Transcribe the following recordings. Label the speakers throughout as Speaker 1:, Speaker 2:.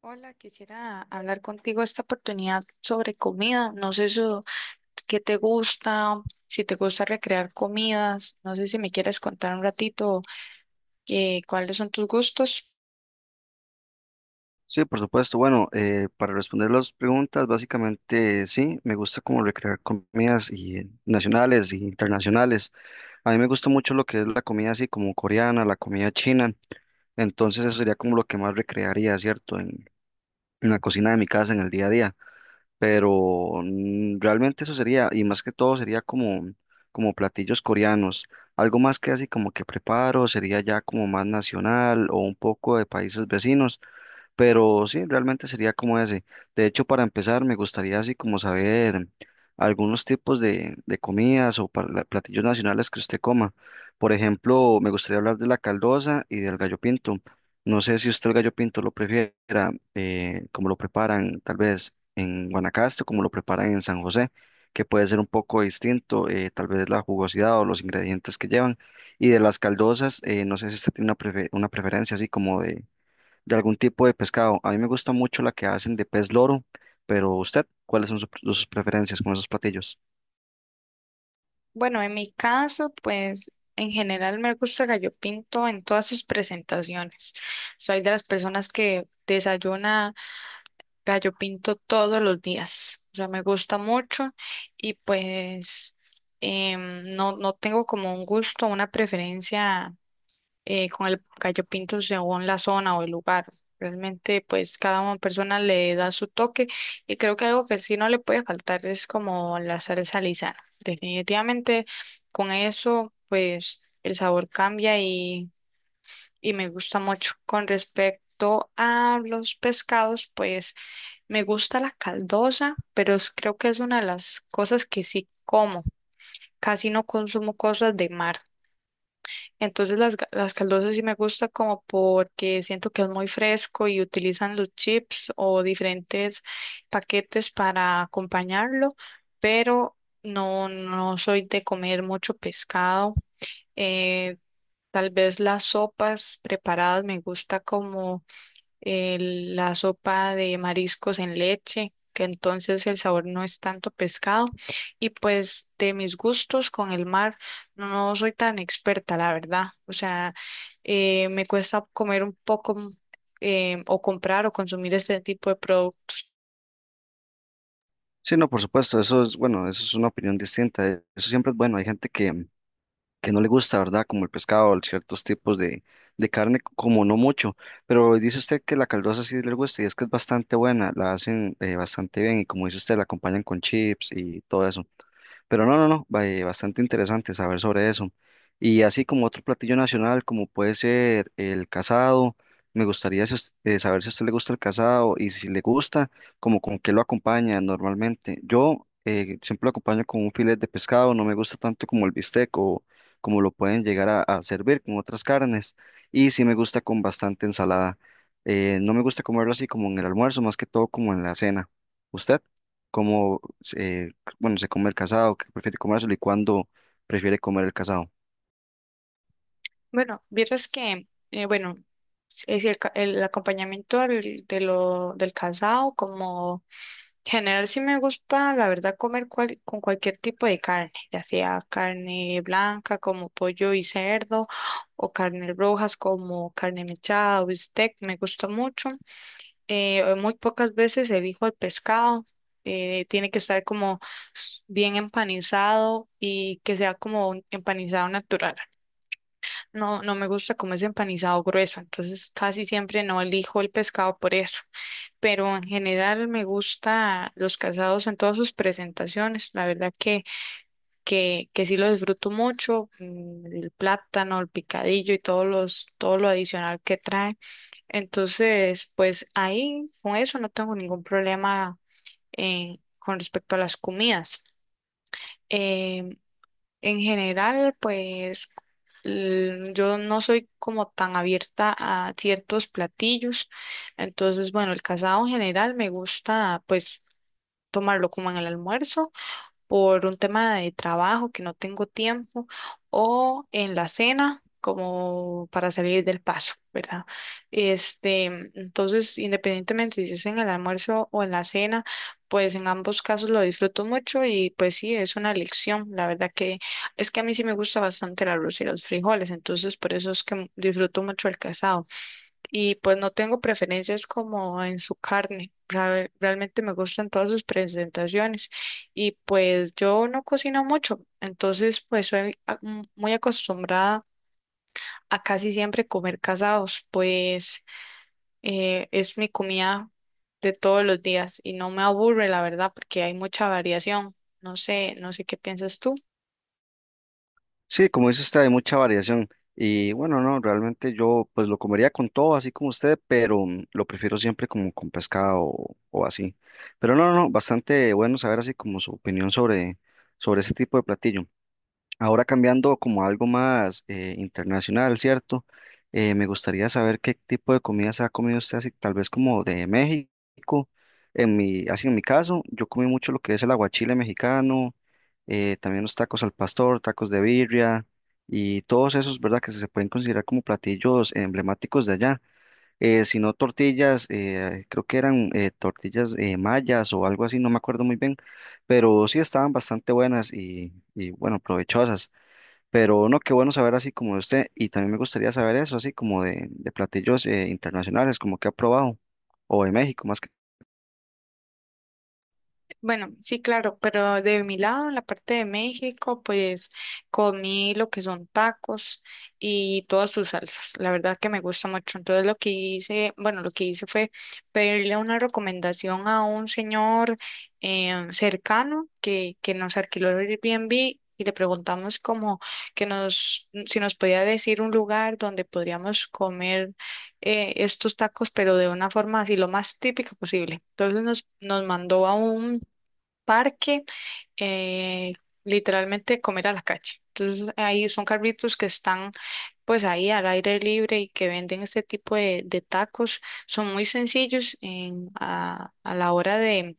Speaker 1: Hola, quisiera hablar contigo esta oportunidad sobre comida. No sé eso, qué te gusta, si te gusta recrear comidas. No sé si me quieres contar un ratito cuáles son tus gustos.
Speaker 2: Sí, por supuesto. Bueno, para responder las preguntas, básicamente sí, me gusta como recrear comidas y, nacionales e internacionales. A mí me gusta mucho lo que es la comida así como coreana, la comida china. Entonces eso sería como lo que más recrearía, ¿cierto? En la cocina de mi casa, en el día a día. Pero realmente eso sería, y más que todo sería como, como platillos coreanos. Algo más que así como que preparo sería ya como más nacional o un poco de países vecinos. Pero sí, realmente sería como ese. De hecho, para empezar, me gustaría así como saber algunos tipos de comidas o platillos nacionales que usted coma. Por ejemplo, me gustaría hablar de la caldosa y del gallo pinto. No sé si usted el gallo pinto lo prefiera, como lo preparan tal vez en Guanacaste, como lo preparan en San José, que puede ser un poco distinto, tal vez la jugosidad o los ingredientes que llevan. Y de las caldosas, no sé si usted tiene una, una preferencia así como de algún tipo de pescado. A mí me gusta mucho la que hacen de pez loro, pero usted, ¿cuáles son sus preferencias con esos platillos?
Speaker 1: Bueno, en mi caso, pues en general me gusta el gallo pinto en todas sus presentaciones. Soy de las personas que desayuna gallo pinto todos los días. O sea, me gusta mucho y pues no tengo como un gusto, una preferencia con el gallo pinto según la zona o el lugar. Realmente, pues cada una persona le da su toque y creo que algo que sí no le puede faltar es como la salsa lisana. Definitivamente, con eso, pues el sabor cambia y me gusta mucho. Con respecto a los pescados, pues me gusta la caldosa, pero creo que es una de las cosas que sí como. Casi no consumo cosas de mar. Entonces las caldosas sí me gusta como porque siento que es muy fresco y utilizan los chips o diferentes paquetes para acompañarlo, pero no soy de comer mucho pescado. Eh, Tal vez las sopas preparadas me gusta como la sopa de mariscos en leche, que entonces el sabor no es tanto pescado. Y pues de mis gustos con el mar, no soy tan experta, la verdad. O sea, me cuesta comer un poco o comprar o consumir este tipo de productos.
Speaker 2: Sí, no, por supuesto, eso es, bueno, eso es una opinión distinta. Eso siempre es bueno. Hay gente que no le gusta, ¿verdad? Como el pescado, ciertos tipos de carne, como no mucho. Pero dice usted que la caldosa sí le gusta y es que es bastante buena, la hacen bastante bien y como dice usted, la acompañan con chips y todo eso. Pero no, no, no, bastante interesante saber sobre eso. Y así como otro platillo nacional, como puede ser el casado, me gustaría si saber si a usted le gusta el casado y si le gusta, como con qué lo acompaña normalmente. Yo siempre lo acompaño con un filete de pescado, no me gusta tanto como el bistec o como lo pueden llegar a servir con otras carnes. Y sí me gusta con bastante ensalada. No me gusta comerlo así como en el almuerzo, más que todo como en la cena. ¿Usted? ¿Cómo eh, bueno, se come el casado, que prefiere comérselo y cuándo prefiere comer el casado?
Speaker 1: Bueno, vieras que, bueno, es decir, el acompañamiento del casado, como en general sí me gusta, la verdad, comer con cualquier tipo de carne, ya sea carne blanca como pollo y cerdo, o carnes rojas como carne mechada o bistec, me gusta mucho. Muy pocas veces elijo el pescado, tiene que estar como bien empanizado y que sea como un empanizado natural. No me gusta como es empanizado grueso, entonces casi siempre no elijo el pescado por eso, pero en general me gusta los casados en todas sus presentaciones, la verdad que sí lo disfruto mucho, mm, el plátano, el picadillo y todo lo adicional que trae, entonces pues ahí con eso no tengo ningún problema con respecto a las comidas. Em, en general, pues yo no soy como tan abierta a ciertos platillos, entonces, bueno, el casado en general me gusta pues tomarlo como en el almuerzo por un tema de trabajo que no tengo tiempo o en la cena como para salir del paso, ¿verdad? Este, entonces, independientemente si es en el almuerzo o en la cena, pues en ambos casos lo disfruto mucho y pues sí, es una elección. La verdad que es que a mí sí me gusta bastante el arroz y los frijoles, entonces por eso es que disfruto mucho el casado y pues no tengo preferencias como en su carne. Realmente me gustan todas sus presentaciones y pues yo no cocino mucho, entonces pues soy muy acostumbrada a casi siempre comer casados, pues es mi comida de todos los días y no me aburre la verdad porque hay mucha variación. No sé, no sé qué piensas tú.
Speaker 2: Sí, como dice usted, hay mucha variación. Y bueno, no, realmente yo pues lo comería con todo, así como usted, pero lo prefiero siempre como con pescado o así. Pero no, no, no, bastante bueno saber así como su opinión sobre, sobre ese tipo de platillo. Ahora cambiando como a algo más internacional, ¿cierto? Me gustaría saber qué tipo de comidas ha comido usted, así, tal vez como de México. En mi, así en mi caso, yo comí mucho lo que es el aguachile mexicano, también los tacos al pastor, tacos de birria y todos esos, ¿verdad? Que se pueden considerar como platillos emblemáticos de allá. Si no tortillas, creo que eran tortillas mayas o algo así, no me acuerdo muy bien, pero sí estaban bastante buenas y bueno, provechosas. Pero no, qué bueno saber así como de usted. Y también me gustaría saber eso, así como de platillos internacionales, como que ha probado, o de México más que.
Speaker 1: Bueno, sí, claro, pero de mi lado, en la parte de México, pues comí lo que son tacos y todas sus salsas. La verdad que me gusta mucho. Entonces lo que hice, bueno, lo que hice fue pedirle una recomendación a un señor cercano que nos alquiló el Airbnb y le preguntamos como que nos, si nos podía decir un lugar donde podríamos comer estos tacos, pero de una forma así lo más típica posible. Entonces nos mandó a un parque, eh, literalmente comer a la calle. Entonces ahí son carritos que están pues ahí al aire libre y que venden este tipo de tacos. Son muy sencillos a la hora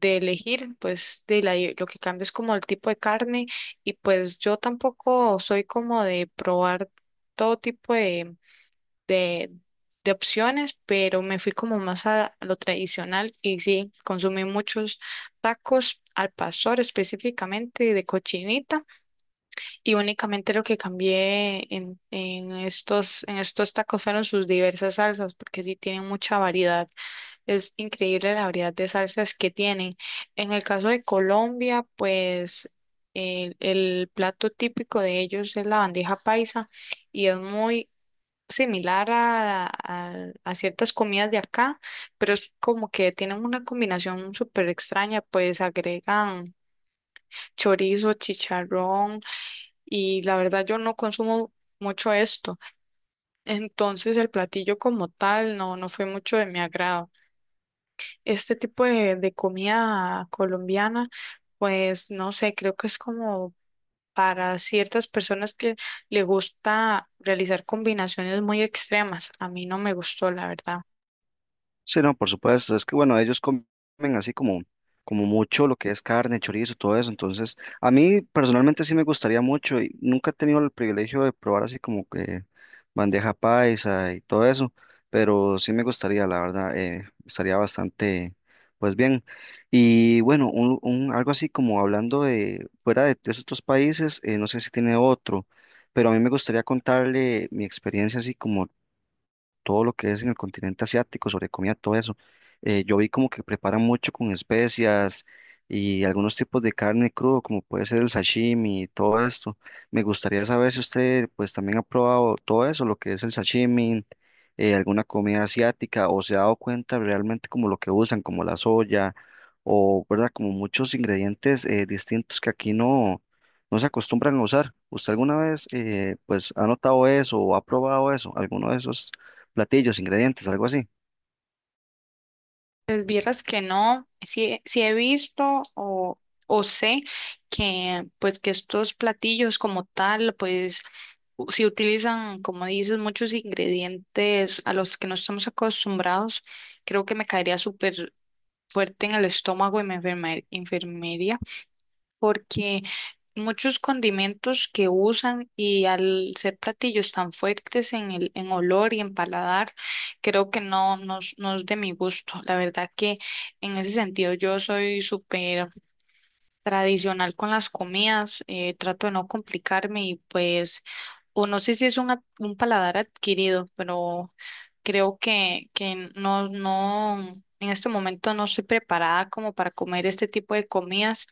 Speaker 1: de elegir, pues lo que cambia es como el tipo de carne y pues yo tampoco soy como de probar todo tipo de, de opciones, pero me fui como más a lo tradicional y sí, consumí muchos tacos al pastor específicamente de cochinita y únicamente lo que cambié en estos tacos fueron sus diversas salsas porque sí tienen mucha variedad. Es increíble la variedad de salsas que tienen. En el caso de Colombia, pues el plato típico de ellos es la bandeja paisa y es muy similar a ciertas comidas de acá, pero es como que tienen una combinación súper extraña, pues agregan chorizo, chicharrón y la verdad yo no consumo mucho esto, entonces el platillo como tal no fue mucho de mi agrado. Este tipo de comida colombiana, pues no sé, creo que es como para ciertas personas que le gusta realizar combinaciones muy extremas. A mí no me gustó, la verdad.
Speaker 2: Sí, no, por supuesto. Es que bueno, ellos comen así como, como mucho lo que es carne, chorizo, todo eso. Entonces, a mí personalmente sí me gustaría mucho y nunca he tenido el privilegio de probar así como que bandeja paisa y todo eso, pero sí me gustaría, la verdad, estaría bastante, pues bien. Y bueno, algo así como hablando de fuera de esos otros países, no sé si tiene otro, pero a mí me gustaría contarle mi experiencia así como todo lo que es en el continente asiático, sobre comida, todo eso. Yo vi como que preparan mucho con especias y algunos tipos de carne crudo, como puede ser el sashimi y todo esto. Me gustaría saber si usted pues también ha probado todo eso, lo que es el sashimi, alguna comida asiática, o se ha dado cuenta realmente como lo que usan, como la soya, o verdad, como muchos ingredientes distintos que aquí no, no se acostumbran a usar. ¿Usted alguna vez pues ha notado eso o ha probado eso, alguno de esos platillos, ingredientes, algo así?
Speaker 1: Pues vieras que no, sí, sí he visto o sé que pues que estos platillos como tal, pues si utilizan, como dices, muchos ingredientes a los que no estamos acostumbrados, creo que me caería súper fuerte en el estómago y me enfermaría porque muchos condimentos que usan y al ser platillos tan fuertes en el, en olor y en paladar, creo que no, no es de mi gusto. La verdad que en ese sentido yo soy súper tradicional con las comidas, trato de no complicarme y pues, o no sé si es un paladar adquirido, pero creo que no, en este momento no estoy preparada como para comer este tipo de comidas,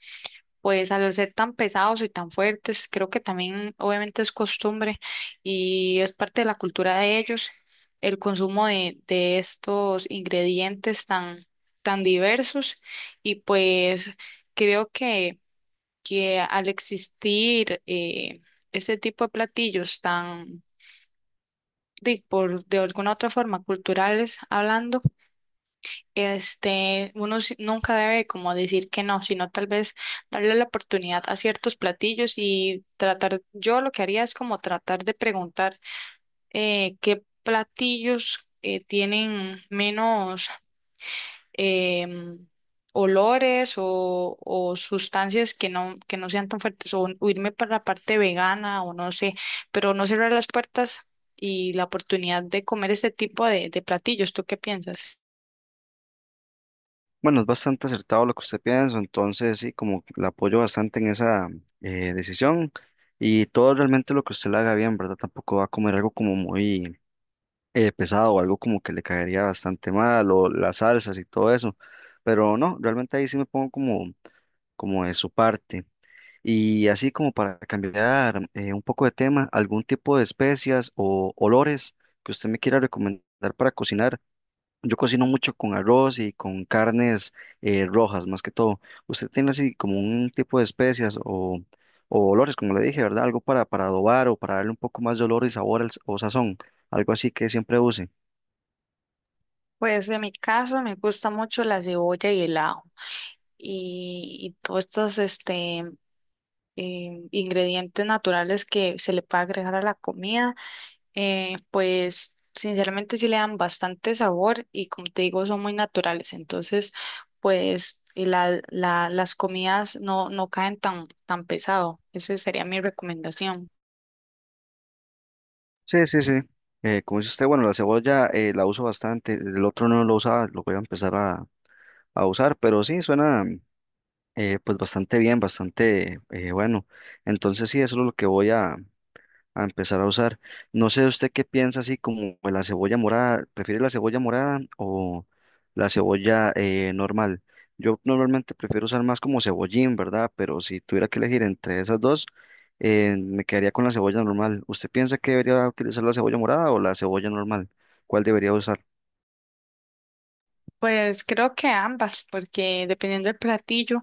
Speaker 1: pues al ser tan pesados y tan fuertes, creo que también obviamente es costumbre y es parte de la cultura de ellos el consumo de estos ingredientes tan diversos y pues creo que al existir ese tipo de platillos de alguna otra forma, culturales hablando, uno nunca debe como decir que no, sino tal vez darle la oportunidad a ciertos platillos y tratar, yo lo que haría es como tratar de preguntar qué platillos tienen menos em, olores o sustancias que que no sean tan fuertes, o irme para la parte vegana o no sé, pero no cerrar las puertas y la oportunidad de comer este tipo de platillos. ¿Tú qué piensas?
Speaker 2: Bueno, es bastante acertado lo que usted piensa, entonces sí, como que la apoyo bastante en esa decisión y todo realmente lo que usted le haga bien, ¿verdad? Tampoco va a comer algo como muy pesado o algo como que le caería bastante mal o las salsas y todo eso, pero no, realmente ahí sí me pongo como, como de su parte. Y así como para cambiar un poco de tema, algún tipo de especias o olores que usted me quiera recomendar para cocinar. Yo cocino mucho con arroz y con carnes rojas, más que todo. ¿Usted tiene así como un tipo de especias o olores, como le dije, ¿verdad? Algo para adobar o para darle un poco más de olor y sabor o sazón, algo así que siempre use?
Speaker 1: Pues en mi caso me gusta mucho la cebolla y el ajo y todos estos ingredientes naturales que se le puede agregar a la comida. Pues sinceramente sí le dan bastante sabor y como te digo son muy naturales, entonces pues y las comidas no caen tan pesado. Esa sería mi recomendación.
Speaker 2: Sí, sí, sí. Como dice usted, bueno, la cebolla la uso bastante, el otro no lo usaba, lo voy a empezar a usar, pero sí, suena pues bastante bien, bastante bueno. Entonces sí, eso es lo que voy a empezar a usar. No sé usted qué piensa así como de la cebolla morada, ¿prefiere la cebolla morada o la cebolla normal? Yo normalmente prefiero usar más como cebollín, ¿verdad? Pero si tuviera que elegir entre esas dos, me quedaría con la cebolla normal. ¿Usted piensa que debería utilizar la cebolla morada o la cebolla normal? ¿Cuál debería usar?
Speaker 1: Pues creo que ambas, porque dependiendo del platillo,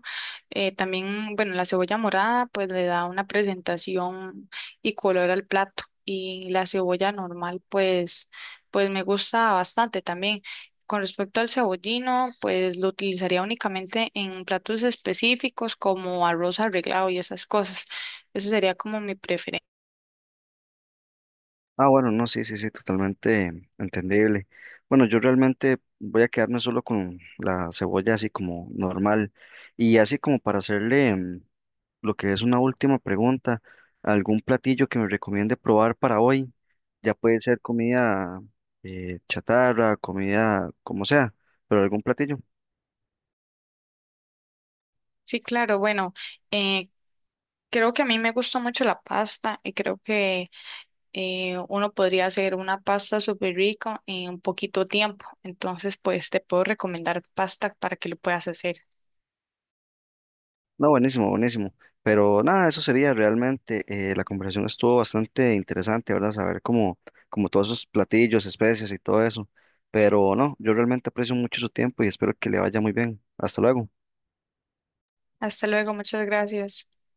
Speaker 1: también, bueno, la cebolla morada pues le da una presentación y color al plato y la cebolla normal pues me gusta bastante también. Con respecto al cebollino, pues lo utilizaría únicamente en platos específicos como arroz arreglado y esas cosas. Eso sería como mi preferencia.
Speaker 2: Ah, bueno, no, sí, sí, sí, totalmente entendible. Bueno, yo realmente voy a quedarme solo con la cebolla así como normal y así como para hacerle lo que es una última pregunta, ¿algún platillo que me recomiende probar para hoy? Ya puede ser comida chatarra, comida como sea, pero algún platillo.
Speaker 1: Sí, claro, bueno, eh, creo que a mí me gusta mucho la pasta y creo que uno podría hacer una pasta súper rica en poquito tiempo. Entonces, pues te puedo recomendar pasta para que lo puedas hacer.
Speaker 2: No, buenísimo, buenísimo. Pero nada, eso sería realmente, la conversación estuvo bastante interesante, ¿verdad? Saber cómo, como todos esos platillos, especies y todo eso. Pero no, yo realmente aprecio mucho su tiempo y espero que le vaya muy bien. Hasta luego.
Speaker 1: Hasta luego, muchas gracias.